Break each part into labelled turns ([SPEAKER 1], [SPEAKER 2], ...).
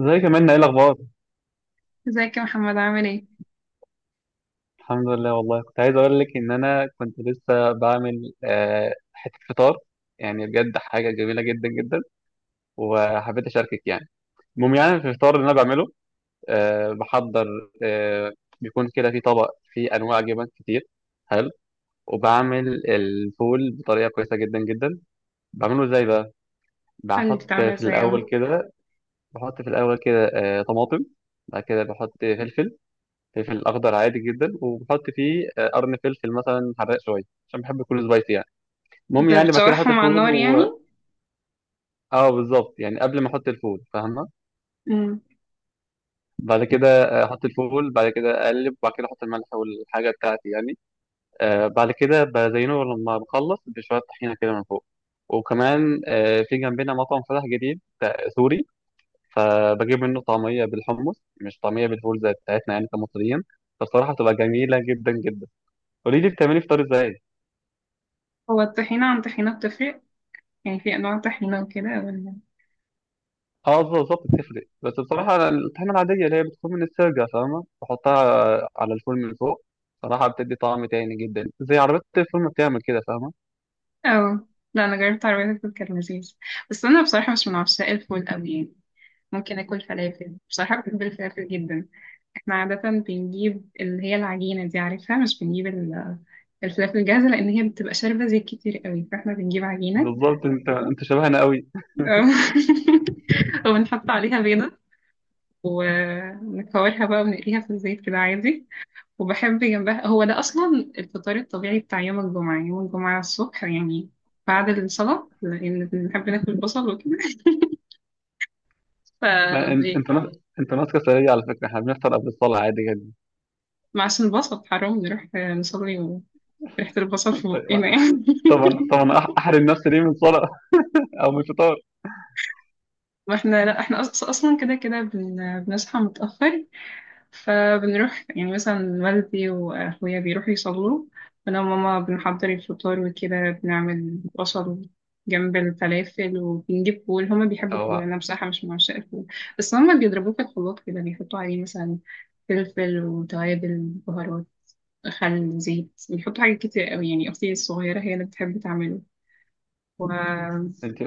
[SPEAKER 1] زي كمان ايه الاخبار.
[SPEAKER 2] ازيك يا محمد عامل ايه؟
[SPEAKER 1] الحمد لله، والله كنت عايز اقول لك ان انا كنت لسه بعمل حته فطار. يعني بجد حاجه جميله جدا جدا، وحبيت اشاركك يعني. المهم، يعني في الفطار اللي انا بعمله بحضر. آه، بيكون كده في طبق فيه انواع جبن كتير حلو، وبعمل الفول بطريقه كويسه جدا جدا. بعمله ازاي بقى؟
[SPEAKER 2] قولي
[SPEAKER 1] بحط
[SPEAKER 2] بتعمل
[SPEAKER 1] في
[SPEAKER 2] ازاي
[SPEAKER 1] الاول
[SPEAKER 2] اه.
[SPEAKER 1] كده، بحط في الاول كده طماطم. بعد كده بحط فلفل، فلفل اخضر عادي جدا، وبحط فيه قرن فلفل مثلا حراق شويه، عشان بحب يكون سبايسي يعني. المهم
[SPEAKER 2] تقدر
[SPEAKER 1] يعني بعد كده احط
[SPEAKER 2] تشوحهم على
[SPEAKER 1] الفول
[SPEAKER 2] النار
[SPEAKER 1] و...
[SPEAKER 2] يعني؟
[SPEAKER 1] اه بالظبط، يعني قبل ما احط الفول، فاهمه؟
[SPEAKER 2] مم.
[SPEAKER 1] بعد كده احط الفول، بعد كده اقلب، وبعد كده احط الملح والحاجه بتاعتي يعني. آه، بعد كده بزينه لما بخلص بشويه طحينه كده من فوق. وكمان آه، في جنبنا مطعم فتح جديد سوري، فبجيب منه طعميه بالحمص، مش طعميه بالفول زي بتاعتنا يعني كمصريين. فالصراحه بتبقى جميله جدا جدا. قولي لي بتعملي فطار ازاي؟
[SPEAKER 2] هو الطحينة عن طحينة بتفرق؟ يعني في انواع طحينة وكده ولا
[SPEAKER 1] اه بالظبط بتفرق، بس بصراحة أنا الطحينة العادية اللي هي بتكون من السرجة، فاهمة، بحطها على الفول من فوق. صراحة بتدي طعم تاني جدا، زي عربية الفول ما بتعمل كده، فاهمة؟
[SPEAKER 2] اه. لا انا جربت عربية الفول كان لذيذ، بس انا بصراحة مش من عشاق الفول قوي يعني. ممكن اكل فلافل، بصراحة بحب الفلافل جدا. احنا عادة بنجيب اللي هي العجينة دي، عارفها؟ مش بنجيب الفلافل الجاهزة لأن هي بتبقى شاربة زيت كتير قوي، فاحنا بنجيب عجينة
[SPEAKER 1] بالظبط، انت شبهنا قوي.
[SPEAKER 2] وبنحط عليها بيضة ونكورها بقى ونقليها في الزيت كده عادي. وبحب جنبها، هو ده أصلا الفطار الطبيعي بتاع يوم الجمعة، يوم الجمعة الصبح يعني، بعد الصلاة، لأن بنحب ناكل بصل وكده.
[SPEAKER 1] ما
[SPEAKER 2] ف
[SPEAKER 1] انت انت ماسكة سرية على فكرة، احنا بنفطر قبل الصلاة عادي جدا.
[SPEAKER 2] معسل البصل حرام نروح نصلي وريحة البصل في
[SPEAKER 1] طيب.
[SPEAKER 2] بقنا يعني.
[SPEAKER 1] طبعا طبعا، احرم نفسي ليه من الصلاة؟ او من الفطار.
[SPEAKER 2] ما احنا، لا احنا أصلا كده بنصحى متأخر، فبنروح يعني مثلا والدي وأخويا بيروحوا يصلوا، أنا وماما بنحضر الفطار وكده، بنعمل بصل جنب الفلافل وبنجيب فول، هما بيحبوا الفول،
[SPEAKER 1] او
[SPEAKER 2] أنا بصراحة مش من عشاق الفول. بس هما بيضربوه في الخلاط كده، بيحطوا عليه مثلا فلفل وتوابل، بهارات، خل، زيت، بيحطوا حاجات كتير قوي يعني. أختي الصغيرة هي اللي بتحب تعمله، وأنا
[SPEAKER 1] انت،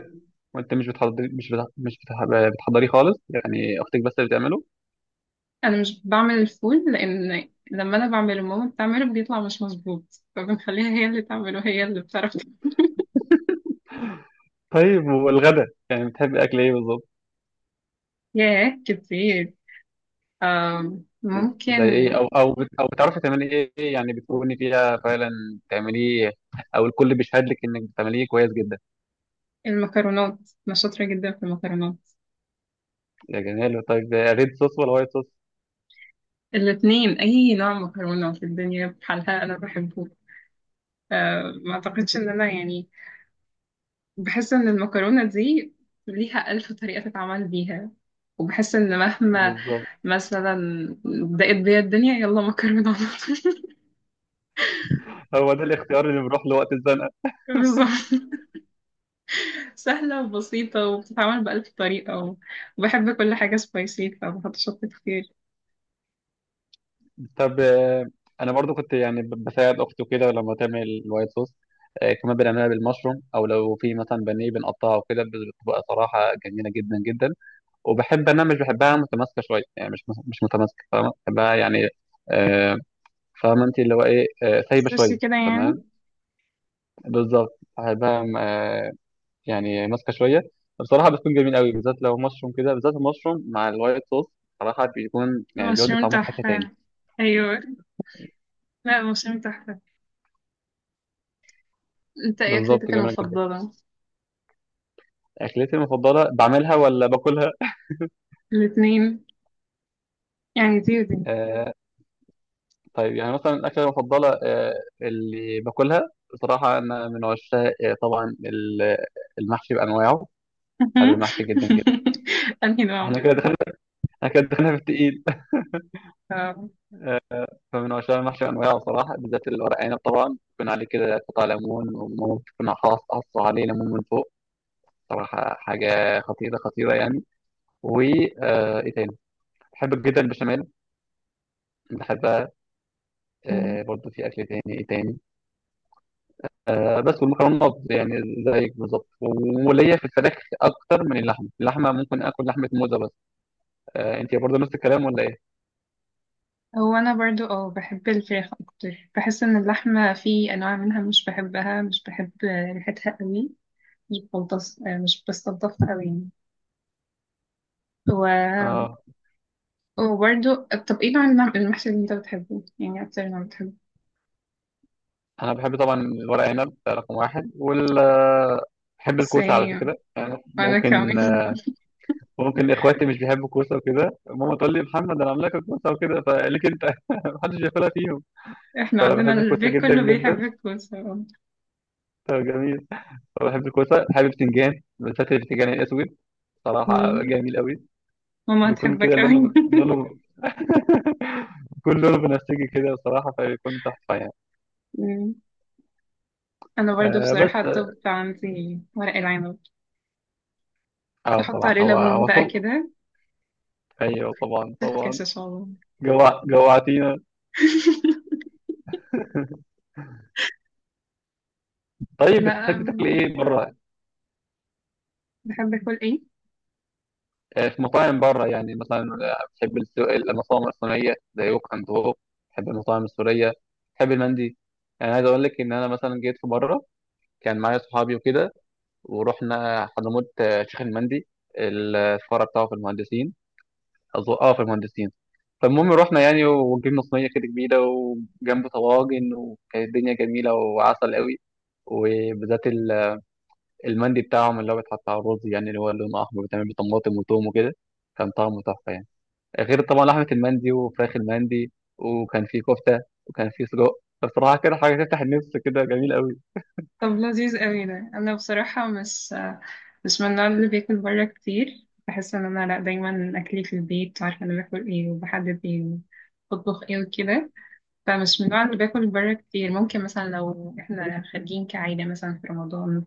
[SPEAKER 1] وانت مش بتحضري، مش بتح- مش بتح- بتحضريه خالص يعني؟ اختك بس اللي بتعمله؟
[SPEAKER 2] مش بعمل الفول، لأن لما أنا بعمله ماما بتعمله بيطلع مش مظبوط، فبنخليها هي اللي تعمله، هي اللي بتعرف.
[SPEAKER 1] طيب، والغدا يعني بتحبي اكل ايه بالظبط؟
[SPEAKER 2] ياه، كتير. ممكن
[SPEAKER 1] زي ايه؟ او بتعرفي تعملي ايه؟ إيه يعني بتكوني فيها فعلا تعمليه، او الكل بيشهد لك انك بتعمليه كويس جدا؟
[SPEAKER 2] المكرونات، أنا شاطرة جدا في المكرونات.
[SPEAKER 1] يا جمال. طيب، ريد صوص ولا وايت صوص؟
[SPEAKER 2] الاتنين، أي نوع مكرونة في الدنيا بحالها أنا بحبه. ما أعتقدش إن أنا يعني، بحس إن المكرونة دي ليها ألف طريقة تتعمل بيها، وبحس إن مهما
[SPEAKER 1] بالظبط،
[SPEAKER 2] مثلا ضاقت بيا الدنيا، يلا مكرونة على طول.
[SPEAKER 1] هو ده الاختيار اللي بيروح لوقت الزنقه.
[SPEAKER 2] بالظبط، سهلة وبسيطة وبتتعمل بألف طريقة، وبحب كل حاجة سبايسي فبحط شطة كتير.
[SPEAKER 1] طب آه، انا برضو كنت يعني بساعد اختي كده لما تعمل الوايت صوص. آه، كمان بنعملها بالمشروم، او لو في مثلا بانيه بنقطعه وكده. بتبقى صراحه جميله جدا جدا. وبحب، انا مش بحبها متماسكه شويه يعني، مش متماسكه، فاهمة؟ بحبها يعني آه، فاهمة انت اللي هو ايه، آه، سايبة
[SPEAKER 2] بس
[SPEAKER 1] شوية.
[SPEAKER 2] كده
[SPEAKER 1] تمام،
[SPEAKER 2] يعني.
[SPEAKER 1] بالظبط، هيبقى آه، يعني ماسكة شوية. بصراحة بتكون جميل قوي، بالذات لو مشروم كده، بالذات المشروم مع الوايت صوص. صراحة بيكون، يعني بيودي
[SPEAKER 2] مشروم
[SPEAKER 1] طعمه في حتة
[SPEAKER 2] تحفة،
[SPEAKER 1] تاني.
[SPEAKER 2] أيوة. لا مشروم تحفة. أنت إيه
[SPEAKER 1] بالظبط،
[SPEAKER 2] أكلتك
[SPEAKER 1] جميلة جدا.
[SPEAKER 2] المفضلة؟
[SPEAKER 1] أكلتي المفضلة بعملها ولا باكلها؟
[SPEAKER 2] الاتنين، يعني دي ودي.
[SPEAKER 1] آه طيب، يعني مثلا الأكلة المفضلة آه، اللي باكلها، بصراحة أنا من عشاق آه، طبعا المحشي بأنواعه. بحب المحشي جدا جدا.
[SPEAKER 2] أنهي نوع؟
[SPEAKER 1] احنا كده دخلنا احنا كده دخلنا في التقيل.
[SPEAKER 2] آه.
[SPEAKER 1] فمن عشاق المحشي أنواعه، صراحة بالذات الورق عنب، طبعا يكون عليه كده قطع ليمون، وممكن تكون حاصة عليه ليمون من فوق. صراحة حاجة خطيرة خطيرة يعني. و آه، إيه تاني؟ بحب جدا البشاميل، بحبها. آه، برضه في أكل تاني، إيه تاني؟ آه، بس والمكرونات يعني زيك بالظبط. وليا في الفراخ أكتر من اللحمة. اللحمة ممكن آكل لحمة موزة بس. آه، أنت برضه نفس الكلام ولا إيه؟
[SPEAKER 2] هو أنا برضو أه بحب الفراخ أكتر، بحس إن اللحمة في أنواع منها مش بحبها، مش بحب ريحتها قوي، بستلطف، مش بستلطفها قوي يعني. و...
[SPEAKER 1] آه،
[SPEAKER 2] وبرضو، طب إيه نوع المحشي اللي أنت بتحبه؟ يعني أكتر نوع بتحبه؟
[SPEAKER 1] أنا بحب طبعا الورق عنب ده رقم واحد، وال آه، بحب الكوسة على
[SPEAKER 2] Same،
[SPEAKER 1] فكرة يعني،
[SPEAKER 2] وأنا
[SPEAKER 1] ممكن
[SPEAKER 2] كمان.
[SPEAKER 1] ممكن اخواتي مش بيحبوا الكوسه وكده، ماما تقول لي محمد انا عامله لك الكوسه وكده، فقالك انت، محدش بياكلها فيهم.
[SPEAKER 2] احنا عندنا
[SPEAKER 1] فبحب الكوسه
[SPEAKER 2] البيت
[SPEAKER 1] جدا
[SPEAKER 2] كله
[SPEAKER 1] جدا.
[SPEAKER 2] بيحبك بصراحة.
[SPEAKER 1] فجميل. فبحب الكوسه، حابب بتنجان، بالذات البتنجان الاسود. صراحه
[SPEAKER 2] مم.
[SPEAKER 1] جميل قوي.
[SPEAKER 2] ماما
[SPEAKER 1] بيكون
[SPEAKER 2] هتحبك
[SPEAKER 1] كده
[SPEAKER 2] قوي.
[SPEAKER 1] لونه، لونه بيكون لونه بنفسجي كده بصراحه، فبيكون تحفه يعني.
[SPEAKER 2] مم. انا برضو
[SPEAKER 1] آه بس،
[SPEAKER 2] بصراحة الطب عندي ورق العنب،
[SPEAKER 1] اه
[SPEAKER 2] بحط عليه
[SPEAKER 1] بصراحه هو
[SPEAKER 2] ليمون
[SPEAKER 1] هو
[SPEAKER 2] بقى
[SPEAKER 1] طب.
[SPEAKER 2] كده،
[SPEAKER 1] ايوه طبعا طبعا.
[SPEAKER 2] تفكس ان شاء الله.
[SPEAKER 1] جوع، جوعتينا. طيب،
[SPEAKER 2] لا.
[SPEAKER 1] بتحب تاكل ايه بره؟
[SPEAKER 2] بحب اكل ايه؟
[SPEAKER 1] آه، في مطاعم بره يعني مثلا، آه، بحب المطاعم الصينية زي ووك أند هوك. بحب المطاعم السورية. بحب المندي. يعني عايز أقول لك إن أنا مثلا جيت في مرة، كان معايا صحابي وكده، ورحنا حضرموت آه، شيخ المندي. الفرع بتاعه في المهندسين، أظن أه في المهندسين. فالمهم رحنا يعني، وجبنا صينية كده كبيرة، وجنب طواجن، وكانت الدنيا جميلة وعسل قوي. وبالذات المندي بتاعهم، اللي هو بيتحط على الرز، يعني اللي هو لونه أحمر، بيتعمل بطماطم وتوم وكده. كان طعمه تحفة يعني. غير طبعا لحمه المندي وفراخ المندي. وكان في كفته، وكان في سجق. بصراحه كده حاجه تفتح النفس، كده جميل قوي.
[SPEAKER 2] طب لذيذ قوي ده، انا بصراحة مش مش من النوع اللي بياكل بره كتير، بحس ان انا لا، دايما اكلي في البيت، عارفة انا باكل ايه، وبحدد ايه وبطبخ ايه وكده. فمش من النوع اللي باكل بره كتير، ممكن مثلا لو احنا خارجين كعيلة مثلا في رمضان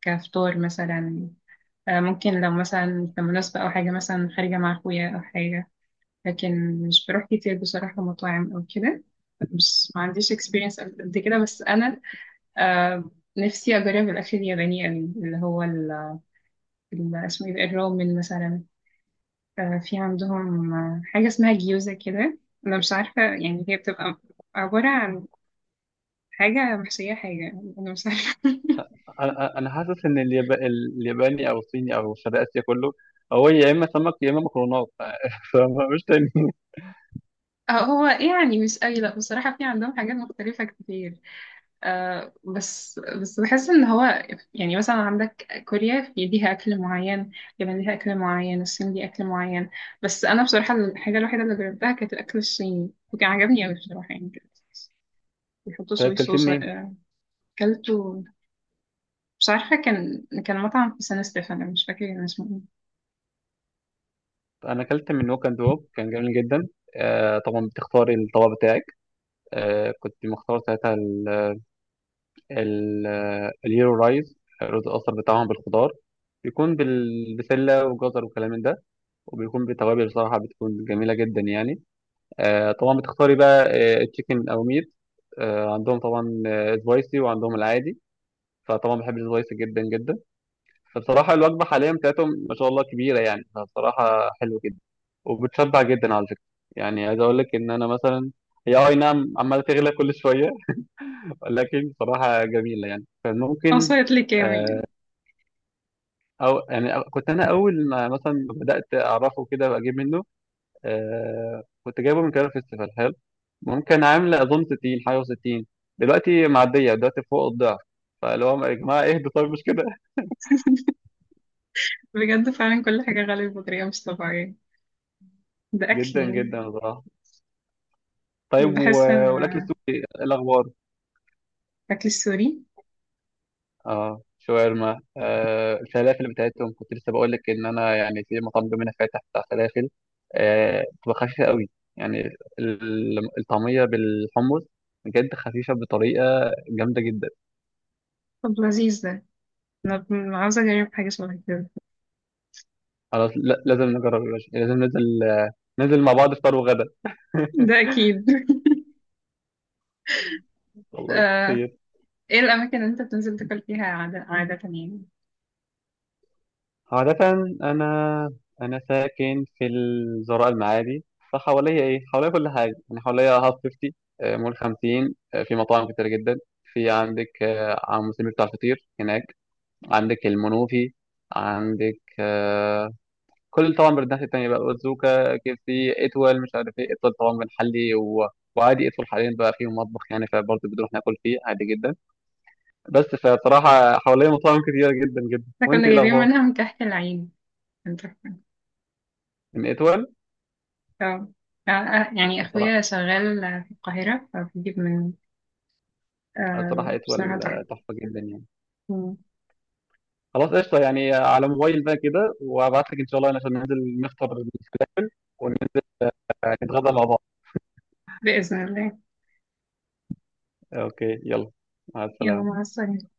[SPEAKER 2] كفطار مثلا، ممكن لو مثلا في مناسبة أو حاجة، مثلا خارجة مع أخويا أو حاجة، لكن مش بروح كتير بصراحة مطاعم أو كده. مش، ما عنديش experience قد كده، بس أنا آه، نفسي أجرب الأكل الياباني أوي، اللي هو اسمه إيه ده؟ الرومن مثلا، في عندهم حاجة اسمها جيوزا كده، أنا مش عارفة يعني، هي بتبقى عبارة عن حاجة محشية حاجة، أنا مش عارفة.
[SPEAKER 1] أنا حاسس ان الياباني او الصيني او شرق اسيا كله، هو يا اما سمك يا اما مكرونات فمش تاني.
[SPEAKER 2] هو يعني مش أي، لأ بصراحة في عندهم حاجات مختلفة كتير، بس بحس إن هو يعني، مثلا عندك كوريا في ليها أكل معين، اليابان ليها أكل معين، الصين ليها أكل معين، بس أنا بصراحة الحاجة الوحيدة اللي جربتها كانت الأكل الصيني، وكان عجبني أوي بصراحة يعني، كان بيحطوا
[SPEAKER 1] طيب
[SPEAKER 2] صويا
[SPEAKER 1] اكلت
[SPEAKER 2] صوص.
[SPEAKER 1] منين؟
[SPEAKER 2] أكلته، مش عارفة، كان كان مطعم في سان ستيفانو، مش فاكرة كان اسمه إيه،
[SPEAKER 1] انا اكلت من ووك اند ووك، كان جميل جدا. آه طبعا بتختاري الطبق بتاعك. آه كنت مختار ساعتها ال... ال... اليورو رايز، الرز الاصفر بتاعهم بالخضار، بيكون بالبسله وجزر وكلام من ده، وبيكون بتوابل بصراحة بتكون جميلة جدا يعني. آه طبعا بتختاري بقى آه تشيكن أو ميت. آه عندهم طبعا آه سبايسي وعندهم العادي. فطبعا بحب السبايسي جدا جدا. فبصراحة الوجبة حاليا بتاعتهم ما شاء الله كبيرة يعني، فبصراحة حلو جدا. وبتشبع جدا على فكرة. يعني عايز أقول لك إن أنا مثلا، هي آه، أي نعم عمالة تغلى كل شوية ولكن بصراحة جميلة يعني،
[SPEAKER 2] أو
[SPEAKER 1] فممكن
[SPEAKER 2] صيد لي كامي.
[SPEAKER 1] آه، أو يعني آه، كنت أنا أول ما مثلا بدأت أعرفه كده وأجيب منه آه، كنت جايبه من كده فيستيفال حلو، ممكن عاملة أظن 60 حاجة و60، دلوقتي معدية دلوقتي فوق الضعف. فاللي هو يا جماعة اهدوا طيب، مش كده؟
[SPEAKER 2] بجد فعلا كل حاجة غالية بطريقة مش طبيعية، بأكل
[SPEAKER 1] جدا
[SPEAKER 2] يعني،
[SPEAKER 1] جدا بصراحة. طيب و...
[SPEAKER 2] بحس
[SPEAKER 1] والأكل
[SPEAKER 2] إن
[SPEAKER 1] السوري إيه الأخبار؟
[SPEAKER 2] الأكل السوري
[SPEAKER 1] اه شاورما، آه الفلافل بتاعتهم، كنت لسه بقول لك إن أنا يعني في مطعم جنبنا فاتح بتاع فلافل، آه بتبقى خفيفة قوي يعني، الطعمية بالحمص بجد خفيفة بطريقة جامدة جدا.
[SPEAKER 2] طب لذيذ ده، أنا عاوزة أجرب حاجة شبه كده.
[SPEAKER 1] خلاص لازم نجرب يا باشا. لازم ننزل، ننزل مع بعض فطار وغدا.
[SPEAKER 2] ده أكيد.
[SPEAKER 1] خلاص
[SPEAKER 2] آه،
[SPEAKER 1] خير.
[SPEAKER 2] إيه الأماكن اللي أنت بتنزل تاكل فيها عادة, عادة يعني؟
[SPEAKER 1] عادة، أنا أنا ساكن في الزراء المعادي، فحواليا إيه؟ حواليا كل حاجة يعني. حواليا هاف 50 آه، مول 50 آه، في مطاعم كتير جدا. في عندك آه، عم سمير بتاع الفطير هناك، عندك المنوفي، عندك آه، كل، طبعا بالناحية التانية بقى أوزوكا كيف سي إتول، مش عارف إيه. إتول طبعا بنحلي، و... وعادي إتول حاليا بقى فيه مطبخ يعني، فبرضه بنروح ناكل فيه عادي جدا بس. فبصراحة حواليا مطاعم كتير جدا جدا.
[SPEAKER 2] إحنا
[SPEAKER 1] وأنت
[SPEAKER 2] كنا
[SPEAKER 1] إيه
[SPEAKER 2] جايبين
[SPEAKER 1] الأخبار؟
[SPEAKER 2] منها من كحك العين، أنت فاهم؟
[SPEAKER 1] من إتول؟
[SPEAKER 2] آه، آه، آه، يعني أخويا شغال في القاهرة فبيجيب من،
[SPEAKER 1] صراحة اتول
[SPEAKER 2] بصراحة تحفة.
[SPEAKER 1] تحفة جدا يعني.
[SPEAKER 2] مم.
[SPEAKER 1] خلاص قشطة، يعني على موبايل بقى كده وابعت لك ان شاء الله، عشان ننزل نفطر ونتغدى مع بعض.
[SPEAKER 2] بإذن الله،
[SPEAKER 1] اوكي، يلا، مع
[SPEAKER 2] يلا
[SPEAKER 1] السلامة.
[SPEAKER 2] مع السلامة.